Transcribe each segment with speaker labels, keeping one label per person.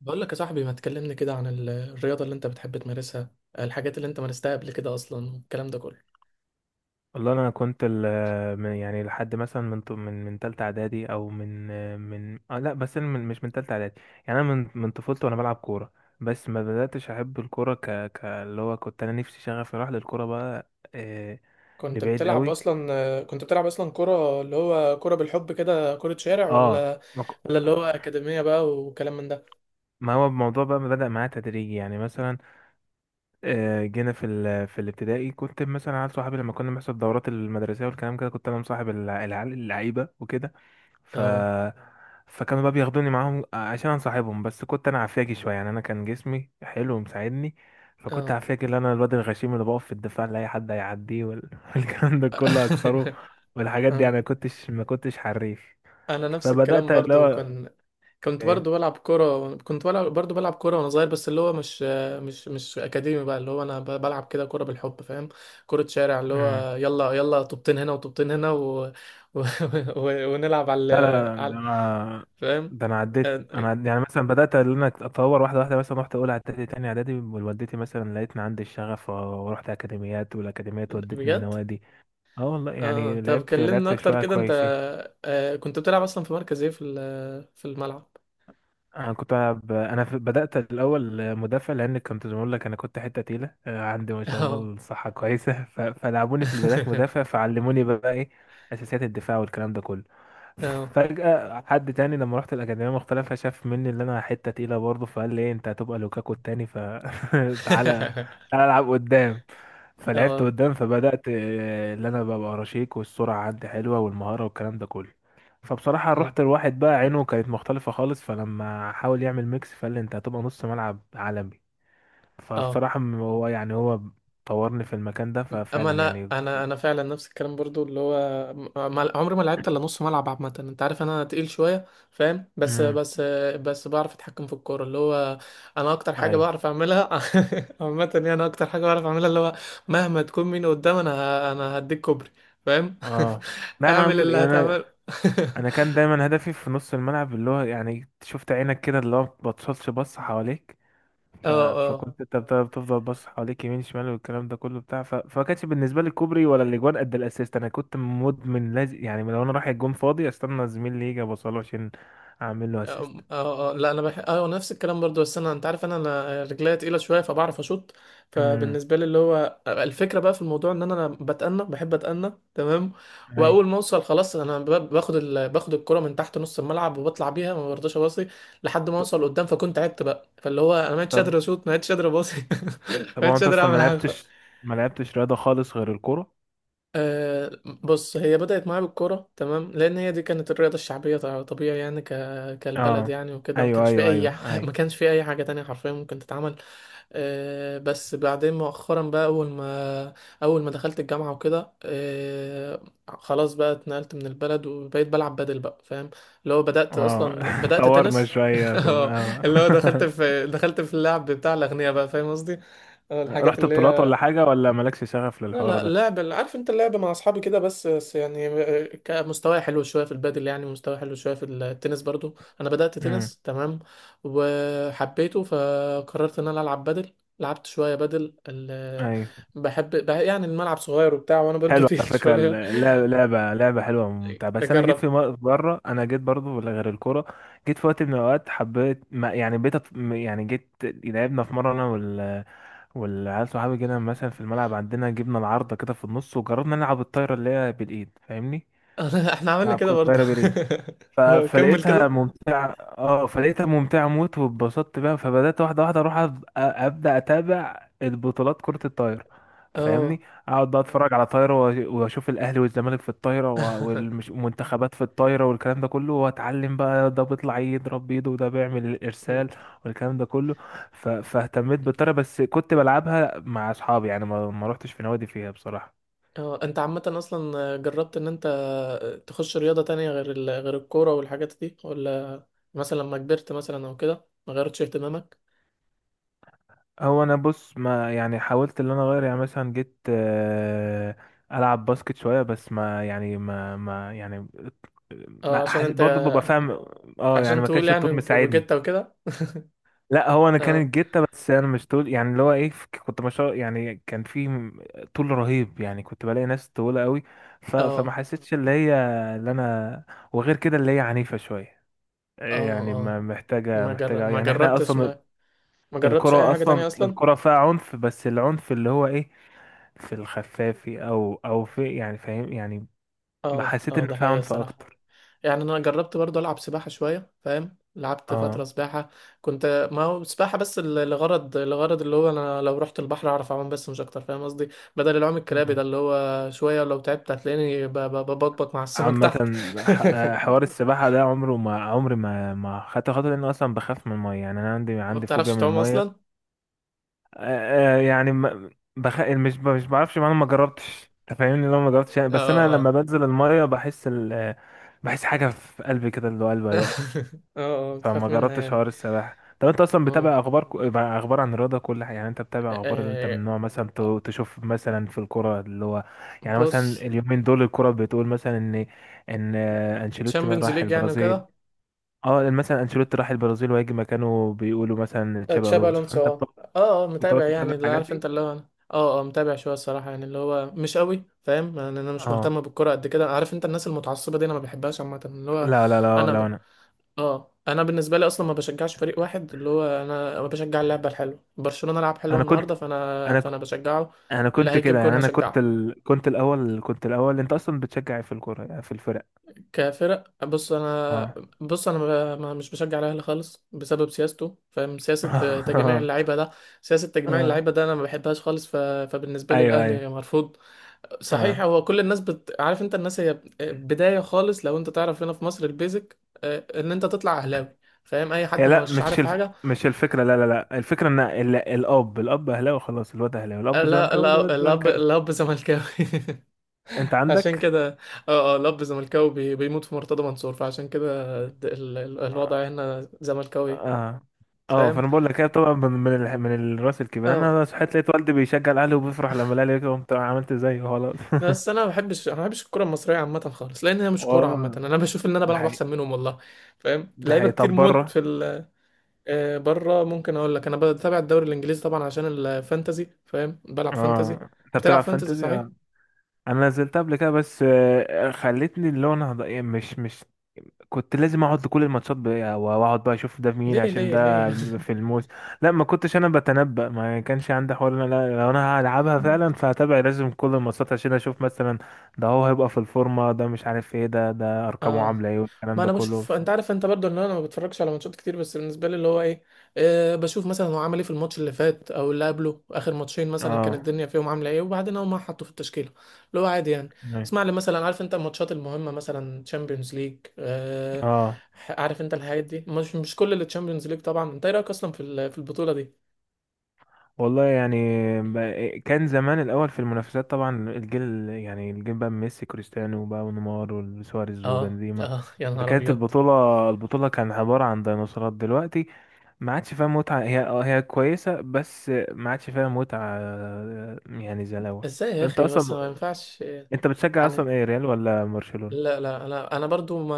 Speaker 1: بقول لك يا صاحبي، ما تكلمني كده عن الرياضة اللي انت بتحب تمارسها. الحاجات اللي انت مارستها قبل كده، اصلا الكلام ده كله.
Speaker 2: والله، انا كنت يعني لحد مثلا من تالتة اعدادي، او من من آه لا، بس أنا من مش من تالتة اعدادي. يعني انا من طفولتي وانا بلعب كورة، بس ما بدأتش احب الكورة، ك ك اللي هو كنت انا نفسي شغفي راح للكورة بقى، لبعيد قوي.
Speaker 1: كنت بتلعب اصلا كرة، اللي هو كرة بالحب كده، كرة شارع،
Speaker 2: اه
Speaker 1: ولا
Speaker 2: ما ك-
Speaker 1: ولا اللي هو
Speaker 2: آه،
Speaker 1: أكاديمية بقى وكلام من ده؟
Speaker 2: ما هو الموضوع بقى بدأ معايا تدريجي، يعني مثلا جينا في الابتدائي، كنت مثلا عيال صحابي لما كنا بنحصل الدورات المدرسيه والكلام كده، كنت انا مصاحب العيال اللعيبه وكده. ف
Speaker 1: اه،
Speaker 2: فكانوا بقى بياخدوني معاهم، عشان انصاحبهم، بس كنت انا عفاجي شويه، يعني انا كان جسمي حلو ومساعدني. فكنت
Speaker 1: اه.
Speaker 2: عفاجي اللي انا الواد الغشيم اللي بقف في الدفاع لاي حد هيعديه والكلام ده كله اكسره. والحاجات دي
Speaker 1: آه.
Speaker 2: يعني ما كنتش حريف.
Speaker 1: انا نفس الكلام
Speaker 2: فبدات اللي
Speaker 1: برضو
Speaker 2: هو
Speaker 1: كان كنت بلعب برضو بلعب كرة وأنا صغير، بس اللي هو مش أكاديمي بقى، اللي هو أنا بلعب كده كرة بالحب، فاهم؟ كرة شارع، اللي
Speaker 2: ايه.
Speaker 1: هو يلا يلا، طوبتين هنا وطوبتين هنا و... ونلعب على
Speaker 2: لا، لا، لا،
Speaker 1: على،
Speaker 2: ده انا.
Speaker 1: فاهم.
Speaker 2: ده انا يعني مثلا بدات ان انا اتطور واحده واحده. مثلا رحت اولى اعدادي، تاني اعدادي، والدتي مثلا لقيتني عندي الشغف ورحت اكاديميات، والاكاديميات ودتني
Speaker 1: بجد؟
Speaker 2: النوادي. اه، والله
Speaker 1: اه،
Speaker 2: يعني
Speaker 1: طب
Speaker 2: لعبت،
Speaker 1: كلمنا
Speaker 2: لعبت
Speaker 1: أكتر
Speaker 2: شويه
Speaker 1: كده. أنت
Speaker 2: كويسين.
Speaker 1: آه، كنت بتلعب أصلا في مركز إيه؟ في في الملعب؟
Speaker 2: انا كنت ألعب انا بدات الاول مدافع، لان كنت زي ما بقول لك انا كنت حته تقيله، عندي ما شاء الله
Speaker 1: اه.
Speaker 2: الصحه كويسه. فلعبوني في البدايات مدافع، فعلموني بقى ايه اساسيات الدفاع والكلام ده كله.
Speaker 1: اه.
Speaker 2: فجأة حد تاني لما رحت الأكاديمية المختلفة شاف مني اللي أنا حتة تقيلة برضه، فقال لي إيه، أنت هتبقى لوكاكو التاني، فتعالى، تعالى، تعالى، ألعب قدام. فلعبت
Speaker 1: اه،
Speaker 2: قدام، فبدأت اللي أنا ببقى رشيق والسرعة عندي حلوة والمهارة والكلام ده كله. فبصراحة رحت، الواحد بقى عينه كانت مختلفة خالص، فلما حاول يعمل ميكس فقال لي أنت هتبقى نص ملعب عالمي.
Speaker 1: اه.
Speaker 2: فبصراحة هو يعني هو طورني في المكان ده،
Speaker 1: اما
Speaker 2: ففعلا
Speaker 1: انا
Speaker 2: يعني.
Speaker 1: انا فعلا نفس الكلام برضو، اللي هو عمري ما لعبت الا نص ملعب عامه. انت عارف انا تقيل شويه، فاهم؟ بس
Speaker 2: امم.
Speaker 1: بس بس بعرف اتحكم في الكوره، اللي هو انا اكتر حاجه
Speaker 2: أيوه.
Speaker 1: بعرف اعملها عامه، يعني انا اكتر حاجه بعرف اعملها اللي هو، مهما تكون مين قدام انا انا هديك كوبري، فاهم؟
Speaker 2: اه. لا، انا
Speaker 1: اعمل اللي
Speaker 2: عمري انا،
Speaker 1: هتعمله.
Speaker 2: انا كان دايما هدفي في نص الملعب، اللي هو يعني شفت عينك كده اللي هو ما بتبصش بص حواليك.
Speaker 1: اه، اه.
Speaker 2: فكنت انت بتفضل بص حواليك، يمين، شمال، والكلام ده كله بتاع. فما كانش بالنسبه لي كوبري ولا الاجوان قد الاسيست. انا كنت مدمن، لازم يعني لو انا رايح الجون فاضي استنى زميلي يجي ابصله عشان اعمل له اسيست.
Speaker 1: اه، اه، لا، انا بح... اه نفس الكلام برضو، بس انا انت عارف، انا رجليا تقيله شويه، فبعرف اشوط.
Speaker 2: امم.
Speaker 1: فبالنسبه لي اللي هو آه، الفكره بقى في الموضوع ان انا بتأنى، بحب اتأنى، تمام.
Speaker 2: اي.
Speaker 1: واول ما اوصل خلاص انا باخد الكره من تحت نص الملعب وبطلع بيها، ما برضاش اباصي لحد ما
Speaker 2: طب.
Speaker 1: اوصل قدام، فكنت تعبت بقى، فاللي هو انا ما عدتش قادر اشوط، ما عدتش قادر اباصي،
Speaker 2: طب
Speaker 1: ما
Speaker 2: هو
Speaker 1: عدتش
Speaker 2: انت
Speaker 1: قادر
Speaker 2: اصلا ما
Speaker 1: اعمل حاجه.
Speaker 2: لعبتش، ما لعبتش رياضه خالص غير الكوره.
Speaker 1: أه. بص، هي بدأت معايا بالكورة تمام، لأن هي دي كانت الرياضة الشعبية، طبيعي يعني، كالبلد
Speaker 2: اه.
Speaker 1: يعني وكده، ما
Speaker 2: ايوه
Speaker 1: كانش في
Speaker 2: ايوه
Speaker 1: أي
Speaker 2: ايوه
Speaker 1: ما
Speaker 2: اي
Speaker 1: كانش في أي حاجة تانية حرفيا ممكن تتعمل. أه، بس بعدين مؤخرا بقى، أول ما دخلت الجامعة وكده، أه، خلاص بقى اتنقلت من البلد وبقيت بلعب بدل بقى، فاهم؟ اللي هو
Speaker 2: اه.
Speaker 1: بدأت
Speaker 2: طورنا
Speaker 1: تنس.
Speaker 2: شويه
Speaker 1: اه،
Speaker 2: اه.
Speaker 1: اللي هو دخلت في اللعب بتاع الأغنياء بقى، فاهم قصدي؟ اه، الحاجات
Speaker 2: رحت
Speaker 1: اللي
Speaker 2: بطولات
Speaker 1: هي،
Speaker 2: ولا حاجة، ولا مالكش شغف
Speaker 1: لا
Speaker 2: للحوار
Speaker 1: لا،
Speaker 2: ده؟
Speaker 1: لعبة، عارف انت، اللعبة مع اصحابي كده بس، يعني كمستوى حلو شوية في البادل يعني، ومستوى حلو شوية في التنس برضو. انا بدأت
Speaker 2: امم.
Speaker 1: تنس تمام، وحبيته فقررت ان انا العب بادل. لعبت شوية بادل،
Speaker 2: ايوه.
Speaker 1: بحب يعني الملعب صغير وبتاع، وانا برضو
Speaker 2: حلوة
Speaker 1: تقيل
Speaker 2: على فكرة
Speaker 1: شوية.
Speaker 2: اللعبة، لعبة لعبة حلوة وممتعة، بس أنا جيت
Speaker 1: اجرب.
Speaker 2: مرة، أنا جيت برضو ولا غير الكورة. جيت في وقت من الأوقات حبيت، ما يعني بقيت يعني جيت لعبنا في مرة، أنا والعيال صحابي كده مثلا في الملعب عندنا، جبنا العارضة كده في النص وجربنا نلعب الطايرة اللي هي بالإيد فاهمني؟
Speaker 1: احنا عملنا
Speaker 2: نلعب
Speaker 1: كده
Speaker 2: كرة
Speaker 1: برضو.
Speaker 2: طايرة بالإيد.
Speaker 1: كمل
Speaker 2: فلقيتها
Speaker 1: كده.
Speaker 2: ممتعة، اه، فلقيتها ممتعة موت واتبسطت بيها، فبدأت واحدة واحدة اروح ابدأ اتابع البطولات كرة الطايرة، فاهمني.
Speaker 1: اه.
Speaker 2: اقعد بقى اتفرج على طايرة واشوف الاهلي والزمالك في الطايرة و والمنتخبات في الطايرة والكلام ده كله، واتعلم بقى ده بيطلع يضرب بايده وده بيعمل الارسال والكلام ده كله. فاهتميت بالطايرة، بس كنت بلعبها مع اصحابي، يعني ما روحتش في نوادي فيها بصراحة.
Speaker 1: اه. انت عامة اصلا جربت ان انت تخش رياضة تانية غير غير الكورة والحاجات دي؟ ولا مثلا لما كبرت مثلا او كده ما غيرتش اهتمامك؟
Speaker 2: هو انا بص، ما يعني حاولت ان انا اغير، يعني مثلا جيت العب باسكت شويه، بس ما يعني ما يعني
Speaker 1: اه،
Speaker 2: ما
Speaker 1: عشان
Speaker 2: حس...
Speaker 1: انت
Speaker 2: برضه ببقى فاهم. اه، يعني
Speaker 1: عشان
Speaker 2: ما
Speaker 1: طويل
Speaker 2: كانش
Speaker 1: يعني
Speaker 2: الطول مساعدني.
Speaker 1: وجدت وكده؟
Speaker 2: لا، هو انا
Speaker 1: اه،
Speaker 2: كانت جيتة، بس انا مش طول، يعني اللي هو ايه. كنت ما شاء، يعني كان طول رهيب، يعني كنت بلاقي ناس طويله قوي. فما
Speaker 1: اه،
Speaker 2: حسيتش اللي هي اللي انا. وغير كده اللي هي عنيفه شويه،
Speaker 1: اه،
Speaker 2: يعني
Speaker 1: اه.
Speaker 2: ما محتاجه
Speaker 1: ما جر...
Speaker 2: محتاجه
Speaker 1: ما
Speaker 2: يعني احنا
Speaker 1: جربتش
Speaker 2: اصلا.
Speaker 1: ما ما جربتش اي
Speaker 2: الكرة
Speaker 1: حاجة تانية
Speaker 2: أصلا
Speaker 1: اصلا.
Speaker 2: الكرة فيها عنف، بس العنف اللي هو إيه، في الخفافي أو في، يعني فاهم يعني.
Speaker 1: اه،
Speaker 2: حسيت
Speaker 1: اه،
Speaker 2: إن
Speaker 1: ده
Speaker 2: فيها
Speaker 1: حقيقة
Speaker 2: عنف
Speaker 1: الصراحة.
Speaker 2: أكتر.
Speaker 1: يعني انا جربت برضه العب سباحه شويه، فاهم؟ لعبت فتره
Speaker 2: أه.
Speaker 1: سباحه، كنت ما هو سباحه بس لغرض، لغرض اللي هو انا لو رحت البحر اعرف اعوم بس، مش اكتر، فاهم قصدي؟ بدل العوم الكرابي ده،
Speaker 2: مم.
Speaker 1: اللي هو شويه لو تعبت هتلاقيني ببطبط مع السمك
Speaker 2: عامة.
Speaker 1: تحت.
Speaker 2: حوار السباحة ده عمره، ما عمري ما خدت خطوة، لأن أصلا بخاف من المية، يعني أنا عندي
Speaker 1: ما
Speaker 2: عندي فوبيا
Speaker 1: بتعرفش
Speaker 2: من
Speaker 1: تعوم
Speaker 2: المية.
Speaker 1: اصلا؟
Speaker 2: يعني بخ... مش ب- مش بعرفش، ما أنا ما جربتش، أنت فاهمني لو ما جربتش يعني، بس
Speaker 1: اه،
Speaker 2: أنا لما
Speaker 1: اه.
Speaker 2: بنزل المية بحس ال... آه، بحس حاجة في قلبي كده اللي هو قلبي هيقف.
Speaker 1: اه. آه، بتخاف
Speaker 2: فما
Speaker 1: منها
Speaker 2: جربتش
Speaker 1: يعني.
Speaker 2: حوار السباحة. طب انت اصلا
Speaker 1: اه.
Speaker 2: بتابع اخبار مع اخبار عن الرياضة كلها، يعني انت بتابع اخبار، اللي انت
Speaker 1: آه،
Speaker 2: من نوع مثلا تشوف مثلا في الكرة اللي هو، يعني مثلا
Speaker 1: بص.
Speaker 2: اليومين دول الكرة بتقول مثلا ان انشيلوتي
Speaker 1: تشامبيونز
Speaker 2: راح
Speaker 1: ليج يعني
Speaker 2: البرازيل.
Speaker 1: وكده.
Speaker 2: اه مثلا انشيلوتي راح البرازيل وهيجي مكانه بيقولوا مثلا تشابي
Speaker 1: تشابي
Speaker 2: الونسو،
Speaker 1: الونسو،
Speaker 2: فانت
Speaker 1: اه، اه، آه،
Speaker 2: بتقعد
Speaker 1: متابع
Speaker 2: تتابع
Speaker 1: يعني، اللي
Speaker 2: الحاجات
Speaker 1: عارف
Speaker 2: دي؟
Speaker 1: انت اللي هو انا اه اه متابع شويه الصراحه، يعني اللي هو مش قوي، فاهم يعني؟ انا مش
Speaker 2: اه.
Speaker 1: مهتم بالكوره قد كده، عارف انت الناس المتعصبه دي انا ما بحبهاش عامه اللي هو.
Speaker 2: لا لا لا
Speaker 1: انا
Speaker 2: لا
Speaker 1: ب...
Speaker 2: انا،
Speaker 1: اه انا بالنسبه لي اصلا ما بشجعش فريق واحد، اللي هو انا بشجع اللعبه الحلوه. برشلونه لعب حلو
Speaker 2: انا كنت
Speaker 1: النهارده،
Speaker 2: انا
Speaker 1: فانا
Speaker 2: ك-
Speaker 1: بشجعه.
Speaker 2: انا
Speaker 1: اللي
Speaker 2: كنت
Speaker 1: هيجيب
Speaker 2: كده
Speaker 1: جون
Speaker 2: يعني، انا كنت
Speaker 1: هشجعه.
Speaker 2: كنت الاول، كنت الاول انت اصلا بتشجع إيه في الكرة، يعني في الفرق.
Speaker 1: كفرق، بص انا،
Speaker 2: اه
Speaker 1: بص انا، ب- ما مش بشجع الاهلي خالص بسبب سياسته، فاهم؟ سياسه آه، تجميع اللعيبه ده، سياسه تجميع
Speaker 2: اه.
Speaker 1: اللعيبه ده انا ما بحبهاش خالص، فبالنسبه لي
Speaker 2: ايوه، ايوه.
Speaker 1: الاهلي مرفوض. صحيح،
Speaker 2: اه.
Speaker 1: هو كل الناس عارف انت الناس هي آه، بدايه خالص، لو انت تعرف هنا في مصر البيزك، آه، ان انت تطلع اهلاوي، فاهم؟ اي حد
Speaker 2: هي لا،
Speaker 1: مش عارف حاجه.
Speaker 2: مش الفكره، لا، لا، لا، الفكره ان الاب اهلاوي خلاص الواد اهلاوي،
Speaker 1: آه،
Speaker 2: الاب
Speaker 1: لا
Speaker 2: زملكاوي
Speaker 1: لا،
Speaker 2: الواد زملكاوي.
Speaker 1: الاب زملكاوي.
Speaker 2: انت
Speaker 1: عشان
Speaker 2: عندك.
Speaker 1: كده، اه اه، الاب زملكاوي بيموت في مرتضى منصور، فعشان كده
Speaker 2: اه.
Speaker 1: الوضع هنا زملكاوي،
Speaker 2: اه.
Speaker 1: فاهم؟
Speaker 2: فانا بقول لك هي طبعا من من الراس الكبير،
Speaker 1: اه.
Speaker 2: انا صحيت لقيت والدي بيشجع الاهلي وبيفرح لما الاهلي يكسب، قمت عملت زيه خلاص.
Speaker 1: بس انا ما بحبش، انا ما بحبش الكره المصريه عامه خالص، لان هي مش كوره عامه،
Speaker 2: اه.
Speaker 1: انا بشوف ان انا
Speaker 2: ده
Speaker 1: بلعب
Speaker 2: حقيقي.
Speaker 1: احسن منهم والله. فاهم؟
Speaker 2: ده
Speaker 1: لعيبه
Speaker 2: حقيقي.
Speaker 1: كتير
Speaker 2: طب
Speaker 1: موت في
Speaker 2: بره.
Speaker 1: آه، بره ممكن اقول لك انا بتابع الدوري الانجليزي طبعا عشان الفانتازي، فاهم؟ بلعب فانتازي.
Speaker 2: اه. انت
Speaker 1: بتلعب
Speaker 2: بتلعب
Speaker 1: فانتازي
Speaker 2: فانتزي؟
Speaker 1: صحيح.
Speaker 2: اه. انا نزلت قبل كده، بس خلتني اللي هو انا مش كنت لازم اقعد لكل الماتشات بقى واقعد بقى اشوف ده مين
Speaker 1: ليه
Speaker 2: عشان
Speaker 1: ليه
Speaker 2: ده
Speaker 1: ليه؟
Speaker 2: في الموس. لا، ما كنتش انا بتنبأ، ما كانش عندي حوار إن انا، لا، لو انا هلعبها فعلا فهتابع لازم كل الماتشات عشان اشوف مثلا ده هو هيبقى في الفورمة، ده مش عارف ايه، ده ارقامه
Speaker 1: اه،
Speaker 2: عاملة ايه، والكلام
Speaker 1: ما
Speaker 2: ده
Speaker 1: انا
Speaker 2: كله.
Speaker 1: بشوف، انت عارف انت برضو ان انا ما بتفرجش على ماتشات كتير، بس بالنسبه لي اللي هو ايه، أه بشوف مثلا هو عمل ايه في الماتش اللي فات او اللي قبله، اخر ماتشين مثلا كانت
Speaker 2: اه.
Speaker 1: الدنيا فيهم عامله ايه، وبعدين اول ما حطه في التشكيله، اللي هو عادي يعني. اسمع لي مثلا، عارف انت الماتشات المهمه مثلا، تشامبيونز ليج، أه.
Speaker 2: اه.
Speaker 1: عارف انت الحاجات دي، مش مش كل اللي تشامبيونز ليج طبعا. انت ايه رايك اصلا في في البطوله دي؟
Speaker 2: والله يعني، كان زمان الاول في المنافسات طبعا، الجيل يعني الجيل بقى ميسي كريستيانو بقى ونيمار وسواريز
Speaker 1: اه
Speaker 2: وبنزيما،
Speaker 1: اه، يا نهار
Speaker 2: فكانت
Speaker 1: ابيض.
Speaker 2: البطولة، البطولة كان عبارة عن ديناصورات. دلوقتي ما عادش فيها متعة، هي اه هي كويسة، بس ما عادش فيها متعة، يعني زي الأول.
Speaker 1: ازاي يا
Speaker 2: انت
Speaker 1: اخي، بس
Speaker 2: اصلا،
Speaker 1: ما ينفعش.
Speaker 2: انت بتشجع
Speaker 1: يعني
Speaker 2: اصلا ايه، ريال ولا برشلونة؟
Speaker 1: لا لا، انا برضو، ما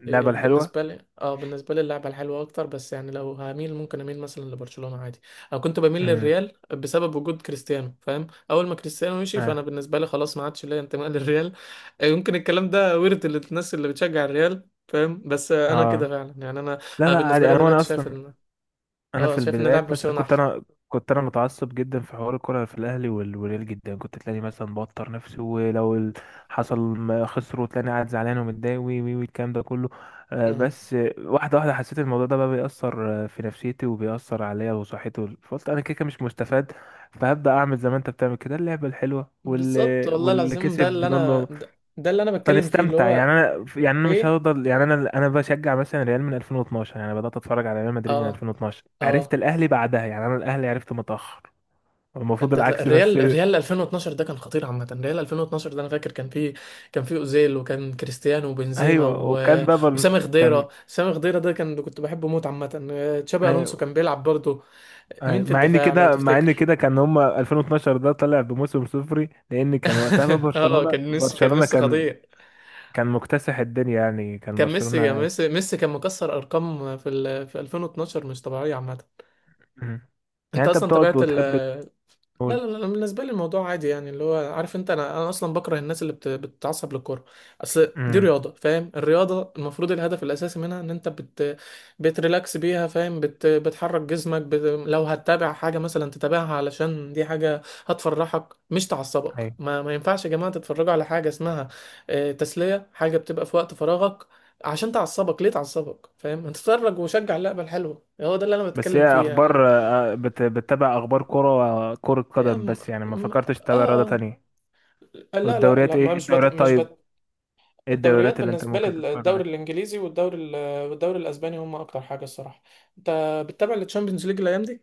Speaker 2: اللعبة
Speaker 1: يعني
Speaker 2: الحلوة.
Speaker 1: بالنسبه لي، اه بالنسبه لي اللعبه الحلوه اكتر، بس يعني لو هميل ممكن اميل مثلا لبرشلونه عادي. انا كنت بميل
Speaker 2: امم.
Speaker 1: للريال بسبب وجود كريستيانو، فاهم؟ اول ما كريستيانو مشي
Speaker 2: اه.
Speaker 1: فانا بالنسبه لي خلاص ما عادش ليا انتماء للريال. آه، يمكن الكلام ده ورد الناس اللي بتشجع الريال، فاهم؟ بس آه، انا كده
Speaker 2: اه.
Speaker 1: فعلا، يعني انا.
Speaker 2: لا
Speaker 1: انا
Speaker 2: لا
Speaker 1: بالنسبه
Speaker 2: عادي،
Speaker 1: لي
Speaker 2: انا، وانا
Speaker 1: دلوقتي شايف
Speaker 2: اصلا،
Speaker 1: ان،
Speaker 2: انا
Speaker 1: اه،
Speaker 2: في
Speaker 1: شايف ان لعب
Speaker 2: البدايات مثلا
Speaker 1: برشلونه
Speaker 2: كنت
Speaker 1: احلى.
Speaker 2: انا، كنت انا متعصب جدا في حوار الكره، في الاهلي والريال جدا، كنت تلاقيني مثلا بوتر نفسي ولو حصل ما خسروا تلاقيني قاعد زعلان ومتضايق وي وي والكلام ده كله.
Speaker 1: آه.
Speaker 2: بس واحده واحده حسيت الموضوع ده بقى بيأثر في نفسيتي وبيأثر عليا وصحتي فقلت انا كده كده مش مستفاد، فهبدأ اعمل زي ما انت بتعمل كده، اللعبه الحلوه
Speaker 1: بالظبط
Speaker 2: واللي
Speaker 1: والله
Speaker 2: واللي
Speaker 1: العظيم،
Speaker 2: كسب
Speaker 1: ده اللي
Speaker 2: بنقول
Speaker 1: انا،
Speaker 2: له،
Speaker 1: ده اللي انا بتكلم فيه، اللي
Speaker 2: فنستمتع.
Speaker 1: هو
Speaker 2: يعني انا، يعني انا مش
Speaker 1: ليه.
Speaker 2: هفضل، يعني انا بشجع مثلا ريال من 2012، يعني بدات اتفرج على ريال مدريد من
Speaker 1: اه،
Speaker 2: 2012، عرفت
Speaker 1: اه.
Speaker 2: الاهلي بعدها، يعني انا الاهلي عرفته متاخر. المفروض
Speaker 1: انت لا،
Speaker 2: العكس بس.
Speaker 1: الريال 2012 ده كان خطير عامه، الريال 2012 ده انا فاكر كان فيه، كان فيه اوزيل، وكان كريستيانو، وبنزيما،
Speaker 2: ايوه وكان بقى
Speaker 1: وسامي
Speaker 2: كان.
Speaker 1: خضيره. سامي خضيره ده كان، كنت بحبه موت عامه. آه، تشابي الونسو
Speaker 2: أيوة.
Speaker 1: كان بيلعب برضه.
Speaker 2: أيوة.
Speaker 1: مين في
Speaker 2: مع ان
Speaker 1: الدفاع لو
Speaker 2: كده، مع
Speaker 1: تفتكر؟
Speaker 2: ان كده كان هم 2012 ده طلع بموسم صفري، لان كان وقتها بقى
Speaker 1: اه،
Speaker 2: برشلونه،
Speaker 1: كان
Speaker 2: برشلونه
Speaker 1: ميسي
Speaker 2: كان،
Speaker 1: خطير.
Speaker 2: كان مكتسح الدنيا، يعني كان
Speaker 1: كان ميسي كان
Speaker 2: برشلونه.
Speaker 1: ميسي ميسي كان مكسر ارقام في في 2012 مش طبيعيه عامه.
Speaker 2: مم. يعني
Speaker 1: انت
Speaker 2: انت
Speaker 1: اصلا
Speaker 2: بتقعد
Speaker 1: تابعت
Speaker 2: وتحب
Speaker 1: لا
Speaker 2: تقول.
Speaker 1: لا لا، بالنسبة لي الموضوع عادي، يعني اللي هو عارف انت، انا اصلا بكره الناس اللي بتتعصب للكورة. اصل دي
Speaker 2: امم.
Speaker 1: رياضة، فاهم؟ الرياضة المفروض الهدف الاساسي منها ان انت بتريلاكس بيها، فاهم؟ بتحرك جسمك لو هتتابع حاجة مثلا تتابعها علشان دي حاجة هتفرحك مش تعصبك. ما ينفعش يا جماعة تتفرجوا على حاجة اسمها آه، تسلية، حاجة بتبقى في وقت فراغك، عشان تعصبك، ليه تعصبك، فاهم؟ اتفرج وشجع اللعبة الحلوة، هو ده اللي انا
Speaker 2: بس
Speaker 1: بتكلم
Speaker 2: هي
Speaker 1: فيه يعني.
Speaker 2: اخبار، بتتابع اخبار كرة، كرة
Speaker 1: يا
Speaker 2: قدم
Speaker 1: م-
Speaker 2: بس، يعني ما
Speaker 1: م-
Speaker 2: فكرتش تتابع رياضة
Speaker 1: اه، اه،
Speaker 2: تانية؟
Speaker 1: لا لا
Speaker 2: والدوريات
Speaker 1: لا،
Speaker 2: ايه،
Speaker 1: ما
Speaker 2: إيه
Speaker 1: مش بت...
Speaker 2: الدوريات
Speaker 1: مش
Speaker 2: طيب،
Speaker 1: بت...
Speaker 2: ايه
Speaker 1: الدوريات
Speaker 2: الدوريات اللي انت
Speaker 1: بالنسبة
Speaker 2: ممكن
Speaker 1: لي،
Speaker 2: تتفرج عليها؟
Speaker 1: الدوري الإنجليزي، والدوري الأسباني، هم أكتر حاجة الصراحة. أنت بتتابع التشامبيونز ليج الأيام دي؟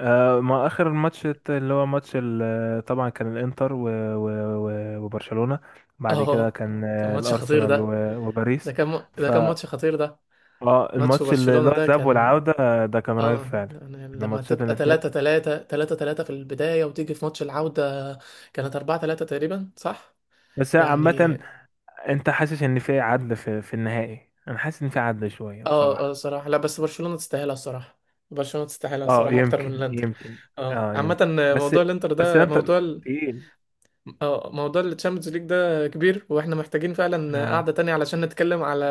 Speaker 2: آه، ما اخر ماتش اللي هو ماتش طبعا كان الانتر و و وبرشلونة، بعد كده
Speaker 1: اه،
Speaker 2: كان
Speaker 1: كان ماتش خطير
Speaker 2: الارسنال
Speaker 1: ده.
Speaker 2: وباريس.
Speaker 1: ده
Speaker 2: ف
Speaker 1: كان ماتش خطير ده،
Speaker 2: اه
Speaker 1: ماتش
Speaker 2: الماتش اللي اللي
Speaker 1: برشلونة
Speaker 2: هو
Speaker 1: ده
Speaker 2: الذهاب
Speaker 1: كان،
Speaker 2: والعودة، ده كان رهيب
Speaker 1: اه،
Speaker 2: فعلا.
Speaker 1: يعني لما
Speaker 2: الماتشات
Speaker 1: تبقى
Speaker 2: الاتنين،
Speaker 1: 3 3 3 3 في البداية، وتيجي في ماتش العودة كانت 4 3 تقريبا، صح
Speaker 2: بس
Speaker 1: يعني.
Speaker 2: عامة، انت حاسس ان في عدل في النهائي؟ انا حاسس ان في عدل شوية
Speaker 1: اه، اه،
Speaker 2: بصراحة.
Speaker 1: صراحة لا، بس برشلونة تستاهلها الصراحة، برشلونة تستاهلها
Speaker 2: اه
Speaker 1: الصراحة اكتر من
Speaker 2: يمكن،
Speaker 1: الانتر.
Speaker 2: يمكن.
Speaker 1: اه،
Speaker 2: اه
Speaker 1: عامة
Speaker 2: يمكن. بس.
Speaker 1: موضوع الانتر
Speaker 2: بس
Speaker 1: ده،
Speaker 2: انت
Speaker 1: موضوع
Speaker 2: تقيل.
Speaker 1: اه، موضوع التشامبيونز ليج ده كبير، واحنا محتاجين فعلا قعدة
Speaker 2: اه.
Speaker 1: تانية علشان نتكلم على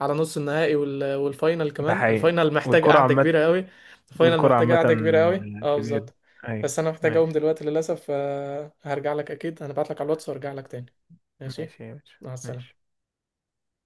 Speaker 1: على نص النهائي والفاينل
Speaker 2: ده
Speaker 1: كمان،
Speaker 2: حقيقي.
Speaker 1: الفاينل محتاج
Speaker 2: والكرة
Speaker 1: قعدة
Speaker 2: عامة.
Speaker 1: كبيرة قوي. الفاينل
Speaker 2: والكرة
Speaker 1: محتاج
Speaker 2: عامة
Speaker 1: قعدة كبيرة قوي، اه
Speaker 2: كبيرة.
Speaker 1: بالظبط.
Speaker 2: ايوه.
Speaker 1: بس انا محتاج اقوم
Speaker 2: ماشي.
Speaker 1: دلوقتي للاسف، آه، هرجع لك اكيد، هنبعت لك على الواتس وارجع لك تاني. ماشي.
Speaker 2: ماشي يا باشا.
Speaker 1: مع
Speaker 2: ماشي.
Speaker 1: السلامة.